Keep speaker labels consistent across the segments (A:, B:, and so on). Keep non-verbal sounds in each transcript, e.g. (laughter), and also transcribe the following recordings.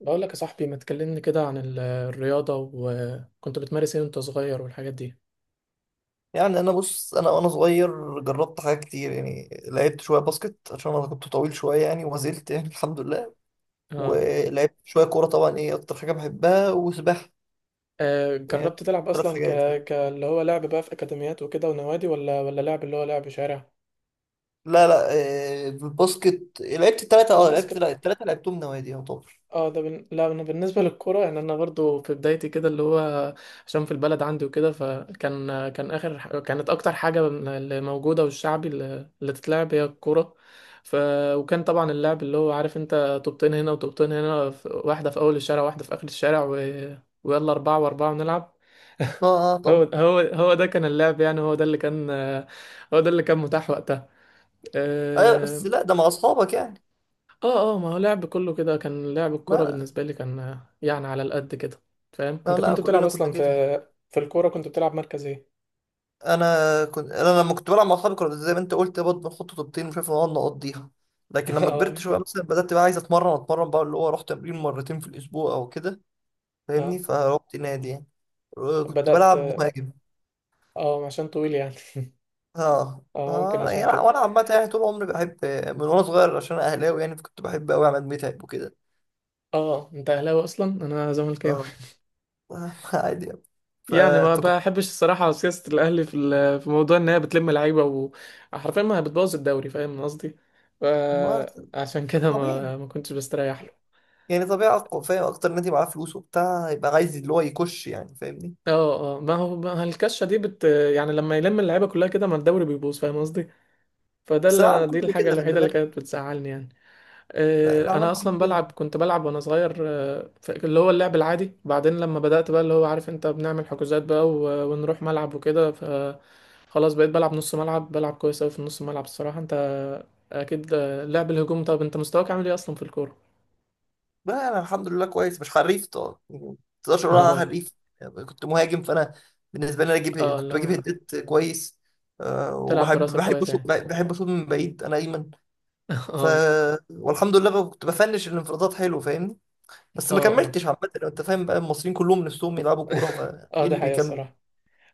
A: بقول لك يا صاحبي، ما تكلمني كده عن الرياضة وكنت بتمارس ايه وانت صغير والحاجات دي؟
B: يعني انا وانا صغير جربت حاجات كتير، يعني لعبت شويه باسكت عشان انا كنت طويل شويه يعني وما زلت يعني (laughs) الحمد لله.
A: اه.
B: ولعبت شويه كوره، طبعا ايه اكتر حاجه بحبها وسباحه.
A: آه،
B: يعني
A: جربت تلعب
B: ثلاث
A: اصلا
B: حاجات يعني.
A: ك اللي هو لعب بقى في اكاديميات وكده ونوادي ولا لعب اللي هو لعب شارع؟
B: لا، لا. الباسكت لعبت الثلاثه، اه لعبت لا
A: الباسكت.
B: الثلاثه لعبتهم نوادي يعتبر.
A: اه، لا، انا بالنسبه للكوره يعني انا برضو في بدايتي كده اللي هو، عشان في البلد عندي وكده، فكان كان كانت اكتر حاجه اللي موجوده والشعبي اللي تتلعب هي الكوره. ف... وكان طبعا اللعب، اللي هو عارف انت، طوبتين هنا وطوبتين هنا واحده في اول الشارع واحده في اخر الشارع ويلا اربعه واربعه ونلعب.
B: اه،
A: (laughs)
B: اه
A: هو
B: طبعا.
A: هو هو ده كان اللعب، يعني هو ده اللي كان، هو ده اللي كان متاح وقتها.
B: ايوه،
A: آه.
B: بس لا ده مع اصحابك يعني.
A: اه اه، ما هو لعب كله كده، كان لعب الكورة
B: ما
A: بالنسبة لي كان، يعني على القد كده. فاهم
B: لا،
A: انت
B: لا
A: كنت بتلعب
B: كلنا كنا
A: اصلا في
B: كده.
A: في الكورة؟ كنت بتلعب مركز ايه؟
B: انا كنت، انا لما كنت بلعب مع اصحابي كنا زي ما انت قلت برضه بنحط طوبتين وشايف نقعد نقضيها. لكن
A: (laughs)
B: لما
A: اه
B: كبرت شويه بالظبط مثلا بدات بقى عايز اتمرن بقى، اللي هو اروح تمرين مرتين في الاسبوع او كده.
A: اه،
B: فاهمني، فروحت نادي يعني. كنت
A: بدأت.
B: بلعب مهاجم.
A: اه عشان طويل يعني.
B: اه،
A: اه ممكن
B: اه يعني
A: عشان
B: انا
A: كده.
B: وأنا عامه يعني طول عمري بحب. من وانا صغير عشان أنا اهلاوي، يعني فكنت بحب قوي عماد متعب وكده.
A: اه، انت اهلاوي اصلا؟ انا زملكاوي.
B: اه.
A: (laughs)
B: (laughs) عادي يعني. ف...
A: يعني ما
B: فكنت
A: بحبش الصراحة سياسة الاهلي في في موضوع ان هي بتلم لعيبة، وحرفيا ما بتبوظ الدوري، فاهم قصدي؟
B: ما...
A: فعشان كده
B: طبيعي.
A: ما كنتش بستريح له.
B: يعني طبيعي أقوى، فاهم اكتر نادي معاه فلوس وبتاع يبقى عايز اللي هو يكش، يعني فاهمني.
A: اه اه، ما هو الكشه دي يعني لما يلم اللعيبه كلها كده، ما الدوري بيبوظ، فاهم قصدي؟ فده
B: بس
A: اللي انا،
B: العالم
A: دي
B: كله
A: الحاجه
B: كده، خلي
A: الوحيده اللي
B: بالك.
A: كانت بتزعلني يعني.
B: لا،
A: آه، انا
B: العالم
A: اصلا
B: كله كده.
A: بلعب، كنت بلعب وانا صغير، اللي هو اللعب العادي. بعدين لما بدات بقى، اللي هو عارف انت، بنعمل حجوزات بقى و- ونروح ملعب وكده خلاص بقيت بلعب نص ملعب، بلعب كويس قوي في النص ملعب الصراحه انت. اكيد. آه، لعب الهجوم. طب انت مستواك عامل ايه اصلا في الكوره؟
B: بقى انا الحمد لله كويس، مش حريف طبعا، يعني ما تقدرش
A: (laughs)
B: اقول انا
A: اه
B: حريف. يعني كنت مهاجم فانا، بالنسبه لي انا اجيب،
A: اه
B: كنت بجيب
A: لا.
B: هدات كويس. أه،
A: تلعب
B: وبحب
A: براسك
B: بحب
A: كويس
B: اشوط،
A: يعني.
B: اشوط من بعيد. انا ايمن.
A: (laughs)
B: ف
A: اه
B: والحمد لله بقى كنت بفنش الانفرادات حلو، فاهمني. بس
A: اه
B: ما
A: اه.
B: كملتش عامه، لو انت فاهم بقى المصريين كلهم نفسهم يلعبوا كوره،
A: (laughs) اه،
B: فايه
A: ده
B: اللي
A: حقيقة
B: بيكمل.
A: الصراحة.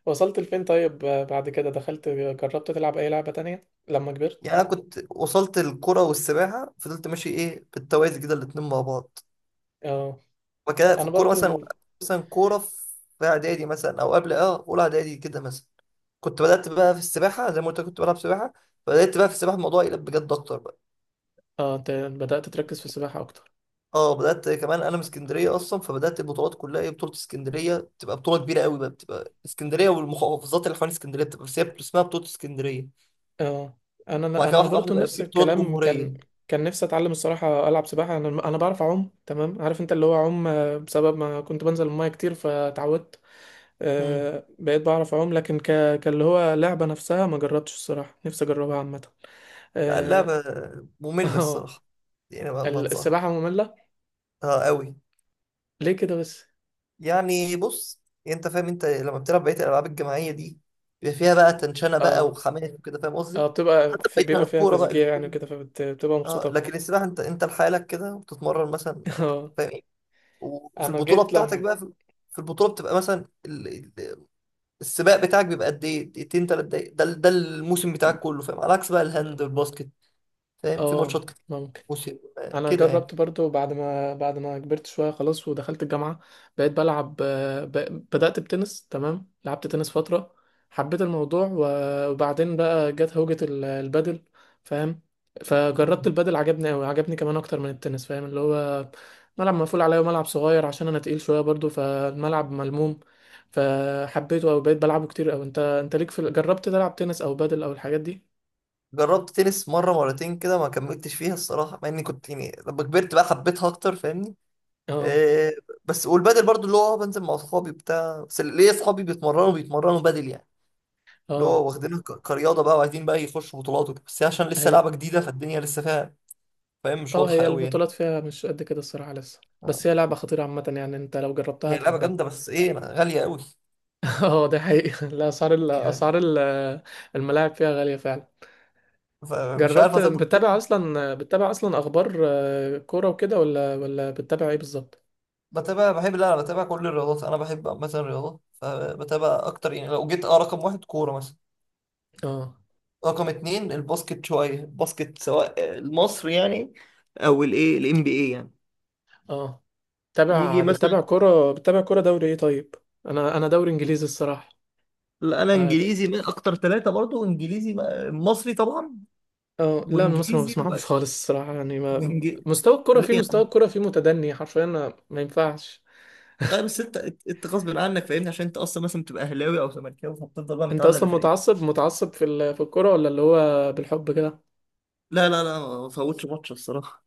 A: وصلت لفين طيب؟ بعد كده دخلت، جربت تلعب اي لعبة تانية لما كبرت؟
B: يعني انا كنت وصلت، الكوره والسباحه فضلت ماشي ايه بالتوازي كده الاتنين مع بعض.
A: اه،
B: وكده في
A: انا
B: الكورة مثلا،
A: برضو.
B: مثلا كورة، في إعدادي مثلا أو قبل أه أولى إعدادي كده مثلا كنت بدأت بقى في السباحة. زي ما قلت لك كنت بلعب سباحة، بدأت بقى في السباحة الموضوع يقلب بجد أكتر بقى.
A: اه، بدأت تركز في السباحة اكتر.
B: أه بدأت كمان، أنا من اسكندرية أصلا، فبدأت البطولات كلها إيه، بطولة اسكندرية بتبقى بطولة كبيرة قوي بقى، بتبقى اسكندرية والمحافظات اللي حوالين اسكندرية بتبقى، بس هي اسمها بطولة اسكندرية.
A: اه، انا
B: وبعد كده
A: انا
B: واحدة واحدة
A: برضو
B: بقى
A: نفس
B: في بطولات
A: الكلام.
B: جمهورية.
A: كان كان نفسي اتعلم الصراحة العب سباحة. انا بعرف اعوم تمام، عارف انت اللي هو اعوم، آه، بسبب ما كنت بنزل المية كتير فتعودت.
B: امم
A: آه، بقيت بعرف اعوم، لكن كاللي هو لعبة نفسها ما جربتش الصراحة. نفسي اجربها عامة.
B: بقى
A: اه.
B: اللعبة مملة
A: (laughs) آه،
B: الصراحة، يعني ما أنصحك.
A: السباحة مملة؟
B: أه قوي.
A: ليه كده بس؟
B: يعني بص، انت فاهم لما بتلعب بقيه الالعاب الجماعيه دي بيبقى فيها بقى تنشنه بقى
A: اه،
B: وحماس وكده، فاهم
A: اه،
B: قصدي.
A: بتبقى
B: حتى
A: في،
B: بعيد عن
A: بيبقى فيها
B: الكوره بقى.
A: تشجيع يعني كده، فبتبقى مبسوطة
B: اه لكن
A: أكتر.
B: السباحه انت لحالك كده وبتتمرن مثلا،
A: (laughs) اه.
B: فاهم ايه. وفي
A: أنا
B: البطوله
A: جيت
B: بتاعتك
A: لما،
B: بقى في البطوله بتبقى مثلا ال- السباق بتاعك بيبقى قد ايه، دقيقتين ثلاث دقايق، ده الموسم بتاعك كله، فاهم، على عكس بقى الهاند والباسكت فاهم، في ماتشات
A: اه،
B: كتير
A: ممكن.
B: موسم
A: انا
B: كده يعني.
A: جربت برضو بعد ما كبرت شويه خلاص ودخلت الجامعه، بقيت بلعب، بدات بتنس، تمام، لعبت تنس فتره، حبيت الموضوع، و- وبعدين بقى جت هوجه البادل، فاهم؟ فجربت البادل، عجبني قوي، عجبني كمان اكتر من التنس، فاهم اللي هو ملعب مقفول عليا وملعب صغير عشان انا تقيل شويه برضو، فالملعب ملموم، فحبيته قوي، بقيت بلعبه كتير قوي. انت، انت ليك في جربت تلعب تنس او بادل او الحاجات دي؟
B: جربت تنس مرة مرتين كده، ما كملتش فيها الصراحة مع اني كنت يعني لما كبرت بقى حبيتها اكتر، فاهمني.
A: اه
B: آه. بس والبادل برضو اللي هو بنزل مع اصحابي بتاع، بس ليا اصحابي بيتمرنوا بادل يعني، اللي
A: اه.
B: هو واخدينها كرياضة بقى وعايزين بقى يخشوا بطولات وكده، بس هي عشان لسه لعبة جديدة، فالدنيا لسه فيها فاهم، مش
A: اه،
B: واضحة
A: هي
B: قوي يعني.
A: البطولات فيها مش قد كده الصراحة لسه،
B: آه.
A: بس هي لعبة خطيرة عامة، يعني انت لو جربتها
B: هي لعبة
A: هتحبها.
B: جامدة بس ايه، غالية قوي
A: (laughs) اه، ده حقيقي. لا، اسعار ال-
B: يعني،
A: اسعار ال- الملاعب فيها غالية فعلا.
B: فمش عارف
A: جربت
B: هتفضل
A: بتتابع
B: كده.
A: اصلا بتتابع اصلا اخبار، كورة وكده، ولا بتتابع ايه بالظبط؟
B: بتابع بحب، لا انا بتابع كل الرياضات، انا بحب مثلا الرياضات فبتابع اكتر. يعني لو جيت، اه رقم واحد كورة مثلا،
A: اه
B: رقم اتنين الباسكت، شوية الباسكت سواء المصري يعني او الايه الام بي اي يعني،
A: اه، بتتابع
B: يجي مثلا.
A: بتتابع كورة بتتابع كورة دوري ايه طيب؟ انا، دوري انجليزي الصراحة.
B: لا، انا
A: اه،
B: انجليزي من اكتر ثلاثة برضو، انجليزي، مصري طبعا،
A: آه، لا، مصر ما
B: وانجليزي
A: بسمعوش خالص الصراحة، يعني ما.
B: وانجليزي
A: مستوى الكرة
B: ليه
A: فيه مستوى
B: يعني؟
A: الكرة فيه متدني حرفيا، ما ينفعش.
B: لا بس انت غصب عنك فاهمني، عشان انت اصلا مثلا بتبقى اهلاوي او زملكاوي، فبتفضل بقى
A: انت
B: متعلق
A: اصلا
B: بفرقتك.
A: متعصب، متعصب في في الكوره، ولا اللي هو بالحب كده؟
B: لا، لا، لا ما فوتش ماتش الصراحة.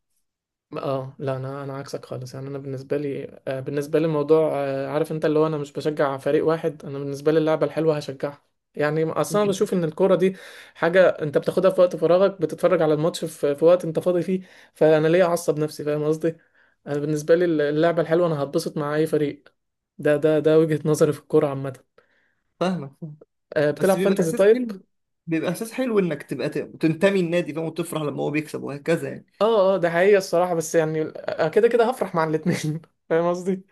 A: اه لا، انا عكسك خالص. يعني انا بالنسبه لي، بالنسبه لي الموضوع، عارف انت اللي هو، انا مش بشجع فريق واحد، انا بالنسبه لي اللعبه الحلوه هشجعها. يعني اصلا أنا بشوف ان الكوره دي حاجه انت بتاخدها في وقت فراغك، بتتفرج على الماتش في وقت انت فاضي فيه. فانا ليه اعصب نفسي، فاهم قصدي؟ انا بالنسبه لي اللعبه الحلوه، انا هتبسط مع اي فريق. ده وجهه نظري في الكوره عامه.
B: فاهمك فاهم. بس
A: بتلعب
B: بيبقى
A: فانتزي
B: احساس
A: طيب؟
B: حلو، بيبقى احساس حلو انك تبقى تنتمي النادي، فاهم، وتفرح لما هو بيكسب وهكذا يعني.
A: اه اه، ده حقيقة الصراحة، بس يعني، كده كده هفرح مع الاتنين. (laughs) فاهم قصدي.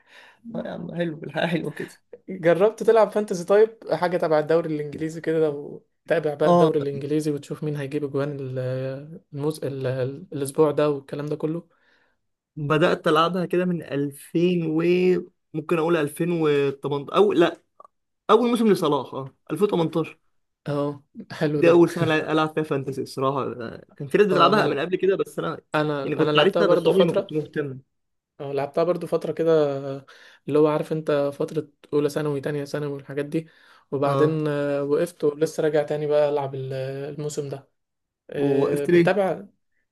B: آه يا عم حلو، الحياة حلوة كده.
A: جربت تلعب فانتزي طيب، حاجة تبع الدوري الانجليزي كده، وتابع بقى
B: اه
A: الدوري الانجليزي، وتشوف مين هيجيب اجوان الاسبوع ده والكلام ده كله؟
B: بدأت ألعبها كده من 2000 و، ممكن أقول 2018، أو لأ أول موسم لصلاح اه 2018.
A: اه، حلو
B: دي
A: ده.
B: أول سنة ألعب فيها فانتسي الصراحة، كان في ناس
A: اه،
B: بتلعبها
A: انا
B: من قبل كده، بس أنا
A: انا
B: يعني
A: انا
B: كنت
A: لعبتها
B: عارفها بس
A: برضو
B: عمري ما
A: فترة.
B: كنت مهتم.
A: اه، لعبتها برضو فترة كده، اللي هو عارف انت، فترة اولى ثانوي، تانية ثانوي والحاجات دي،
B: اه.
A: وبعدين آه، وقفت، ولسه راجع تاني بقى العب الموسم ده. آه،
B: ووقفت ليه؟
A: بتتابع.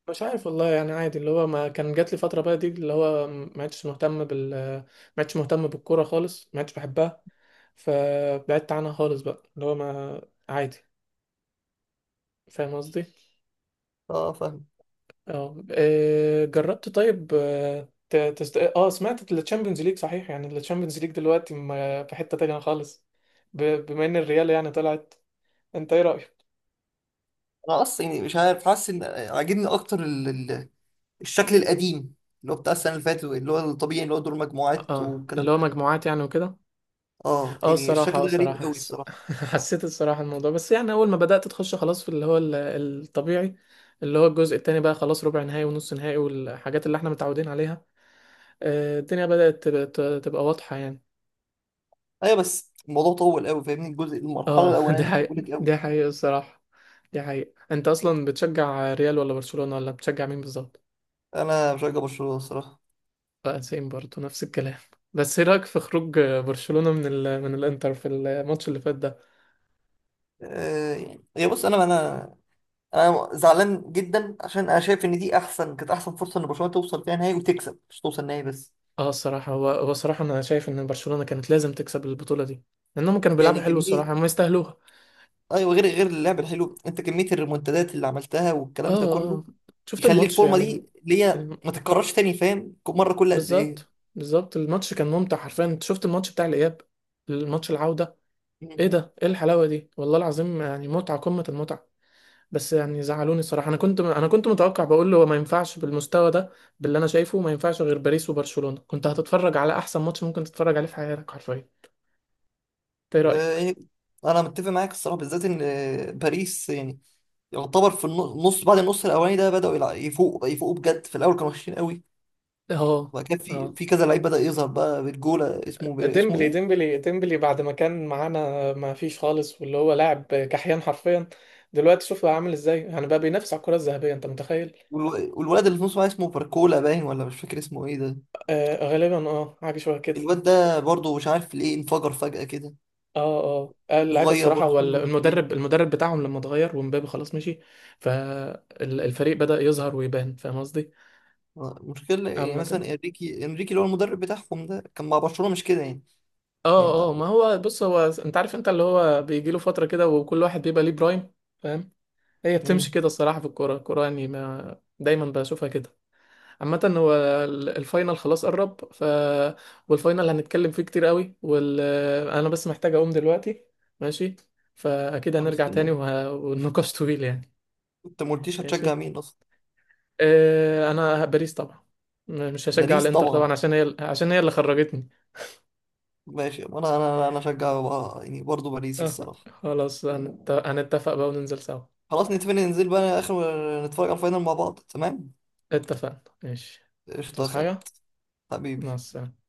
A: مش عارف والله، يعني عادي، اللي هو ما، كان جات لي فتره بقى دي اللي هو ما عدتش مهتم بال، ما عدتش مهتم بالكوره خالص، ما عدتش بحبها، فبعدت عنها خالص بقى، اللي هو ما، عادي، فاهم قصدي؟
B: اه فاهم.
A: اه إيه، جربت طيب، اه، سمعت التشامبيونز ليج صحيح؟ يعني التشامبيونز ليج دلوقتي في حته تانية خالص، بما ان الريال يعني طلعت. انت ايه رايك؟
B: أنا أصلا يعني مش عارف، حاسس إن عاجبني أكتر الشكل القديم، اللي هو بتاع السنة اللي فاتت، اللي هو الطبيعي اللي هو دور مجموعات
A: اه، اللي
B: والكلام
A: هو
B: ده.
A: مجموعات يعني وكده.
B: اه
A: اه
B: يعني
A: الصراحة،
B: الشكل
A: اه
B: ده غريب
A: الصراحة
B: قوي الصراحة.
A: (laughs) حسيت الصراحة الموضوع، بس يعني، أول ما بدأت تخش خلاص في اللي هو الطبيعي، اللي هو الجزء التاني بقى، خلاص ربع نهائي ونص نهائي والحاجات اللي احنا متعودين عليها، آه، الدنيا بدأت تبقى واضحة يعني.
B: ايوه بس الموضوع طول قوي، فاهمني، الجزء المرحله
A: اه. (laughs)
B: الاولانيه
A: دي
B: دي
A: حقيقة.
B: طولت قوي.
A: دي حقيقة الصراحة. دي حقيقة. انت أصلا بتشجع ريال ولا برشلونة، ولا بتشجع مين بالظبط؟
B: انا بشجع برشلونه الصراحه.
A: بقى سيم برضه نفس الكلام. بس ايه رأيك في خروج برشلونة من من الإنتر في الماتش اللي فات ده؟
B: أه يعني هي بص انا زعلان جدا، عشان انا شايف ان دي احسن، كانت احسن فرصه ان برشلونه توصل فيها نهائي وتكسب، مش توصل نهائي بس.
A: اه الصراحة، هو الصراحة أنا شايف إن برشلونة كانت لازم تكسب البطولة دي، لأنهم كانوا بيلعبوا
B: يعني
A: حلو
B: كميه،
A: الصراحة، هم يستاهلوها.
B: ايوه، غير اللعب الحلو، انت كميه الريمونتادات اللي عملتها
A: اه
B: والكلام ده كله
A: اه. شفت
B: يخلي
A: الماتش،
B: الفورمه
A: يعني
B: دي اللي هي
A: الم...
B: ما تتكررش تاني، فاهم، كل مره كل قد ايه.
A: بالظبط. بالظبط، الماتش كان ممتع حرفيا، أنت شفت الماتش بتاع الإياب، الماتش العودة؟ ايه
B: مم.
A: ده، ايه الحلاوة دي، والله العظيم، يعني متعة، قمة المتعة. بس يعني زعلوني الصراحة، أنا كنت، أنا كنت متوقع بقول له ما ينفعش بالمستوى ده، باللي أنا شايفه ما ينفعش غير باريس وبرشلونة، كنت هتتفرج على أحسن ماتش ممكن تتفرج عليه في حياتك حرفيا إنت. إيه
B: أه
A: رأيك؟
B: يعني انا متفق معاك الصراحه، بالذات ان باريس يعني يعتبر في النص بعد النص الاولاني ده بداوا يفوقوا، يفوقوا بجد، في الاول كانوا وحشين قوي.
A: اه
B: وبعد كده في
A: اه،
B: في كذا لعيب بدا يظهر بقى بالجوله، اسمه اسمه
A: ديمبلي
B: ايه.
A: ديمبلي ديمبلي بعد ما كان معانا ما فيش خالص، واللي هو لاعب كحيان حرفيا، دلوقتي شوف بقى عامل ازاي، يعني بقى بينافس على الكرة الذهبية، انت متخيل؟
B: والولد اللي في نص بقى اسمه باركولا، باين، ولا مش فاكر اسمه ايه ده.
A: آه غالبا، اه حاجة شبه كده.
B: الواد ده برضه مش عارف ليه انفجر فجأة كده،
A: اه اه، اللعيبة
B: صغير
A: الصراحة.
B: برضه
A: هو
B: سنه مش كبير.
A: المدرب بتاعهم لما اتغير، ومبابي خلاص مشي، فالفريق بدأ يظهر ويبان، فاهم قصدي؟
B: مشكلة يعني مثلا،
A: عامة،
B: انريكي اللي هو المدرب بتاعهم ده كان مع برشلونة مش كده يعني. يعني
A: اه اه، ما هو بص، هو انت عارف انت اللي هو بيجي له فترة كده، وكل واحد بيبقى ليه برايم، فاهم؟ هي بتمشي
B: مم.
A: كده الصراحة في الكورة. الكورة يعني ما دايما بشوفها كده. عامة هو الفاينل خلاص قرب، والفاينل هنتكلم فيه كتير قوي، انا بس محتاج اقوم دلوقتي. ماشي. فاكيد
B: طب
A: هنرجع تاني،
B: استنى،
A: والنقاش طويل يعني.
B: انت ما قلتليش هتشجع
A: ماشي.
B: مين اصلا.
A: انا باريس طبعا، مش هشجع
B: باريس
A: الانتر
B: طبعا.
A: طبعا، عشان هي اللي خرجتني.
B: ماشي انا اشجع بقى، يعني برضه باريس
A: أه.
B: الصراحة.
A: خلاص، هنتفق بقى وننزل سوا.
B: خلاص نتفق ننزل بقى اخر، نتفرج على الفاينل مع بعض، تمام.
A: اتفقنا، ماشي.
B: قشطة يا
A: تصحى حاجة.
B: خالد،
A: مع
B: حبيبي.
A: السلامة.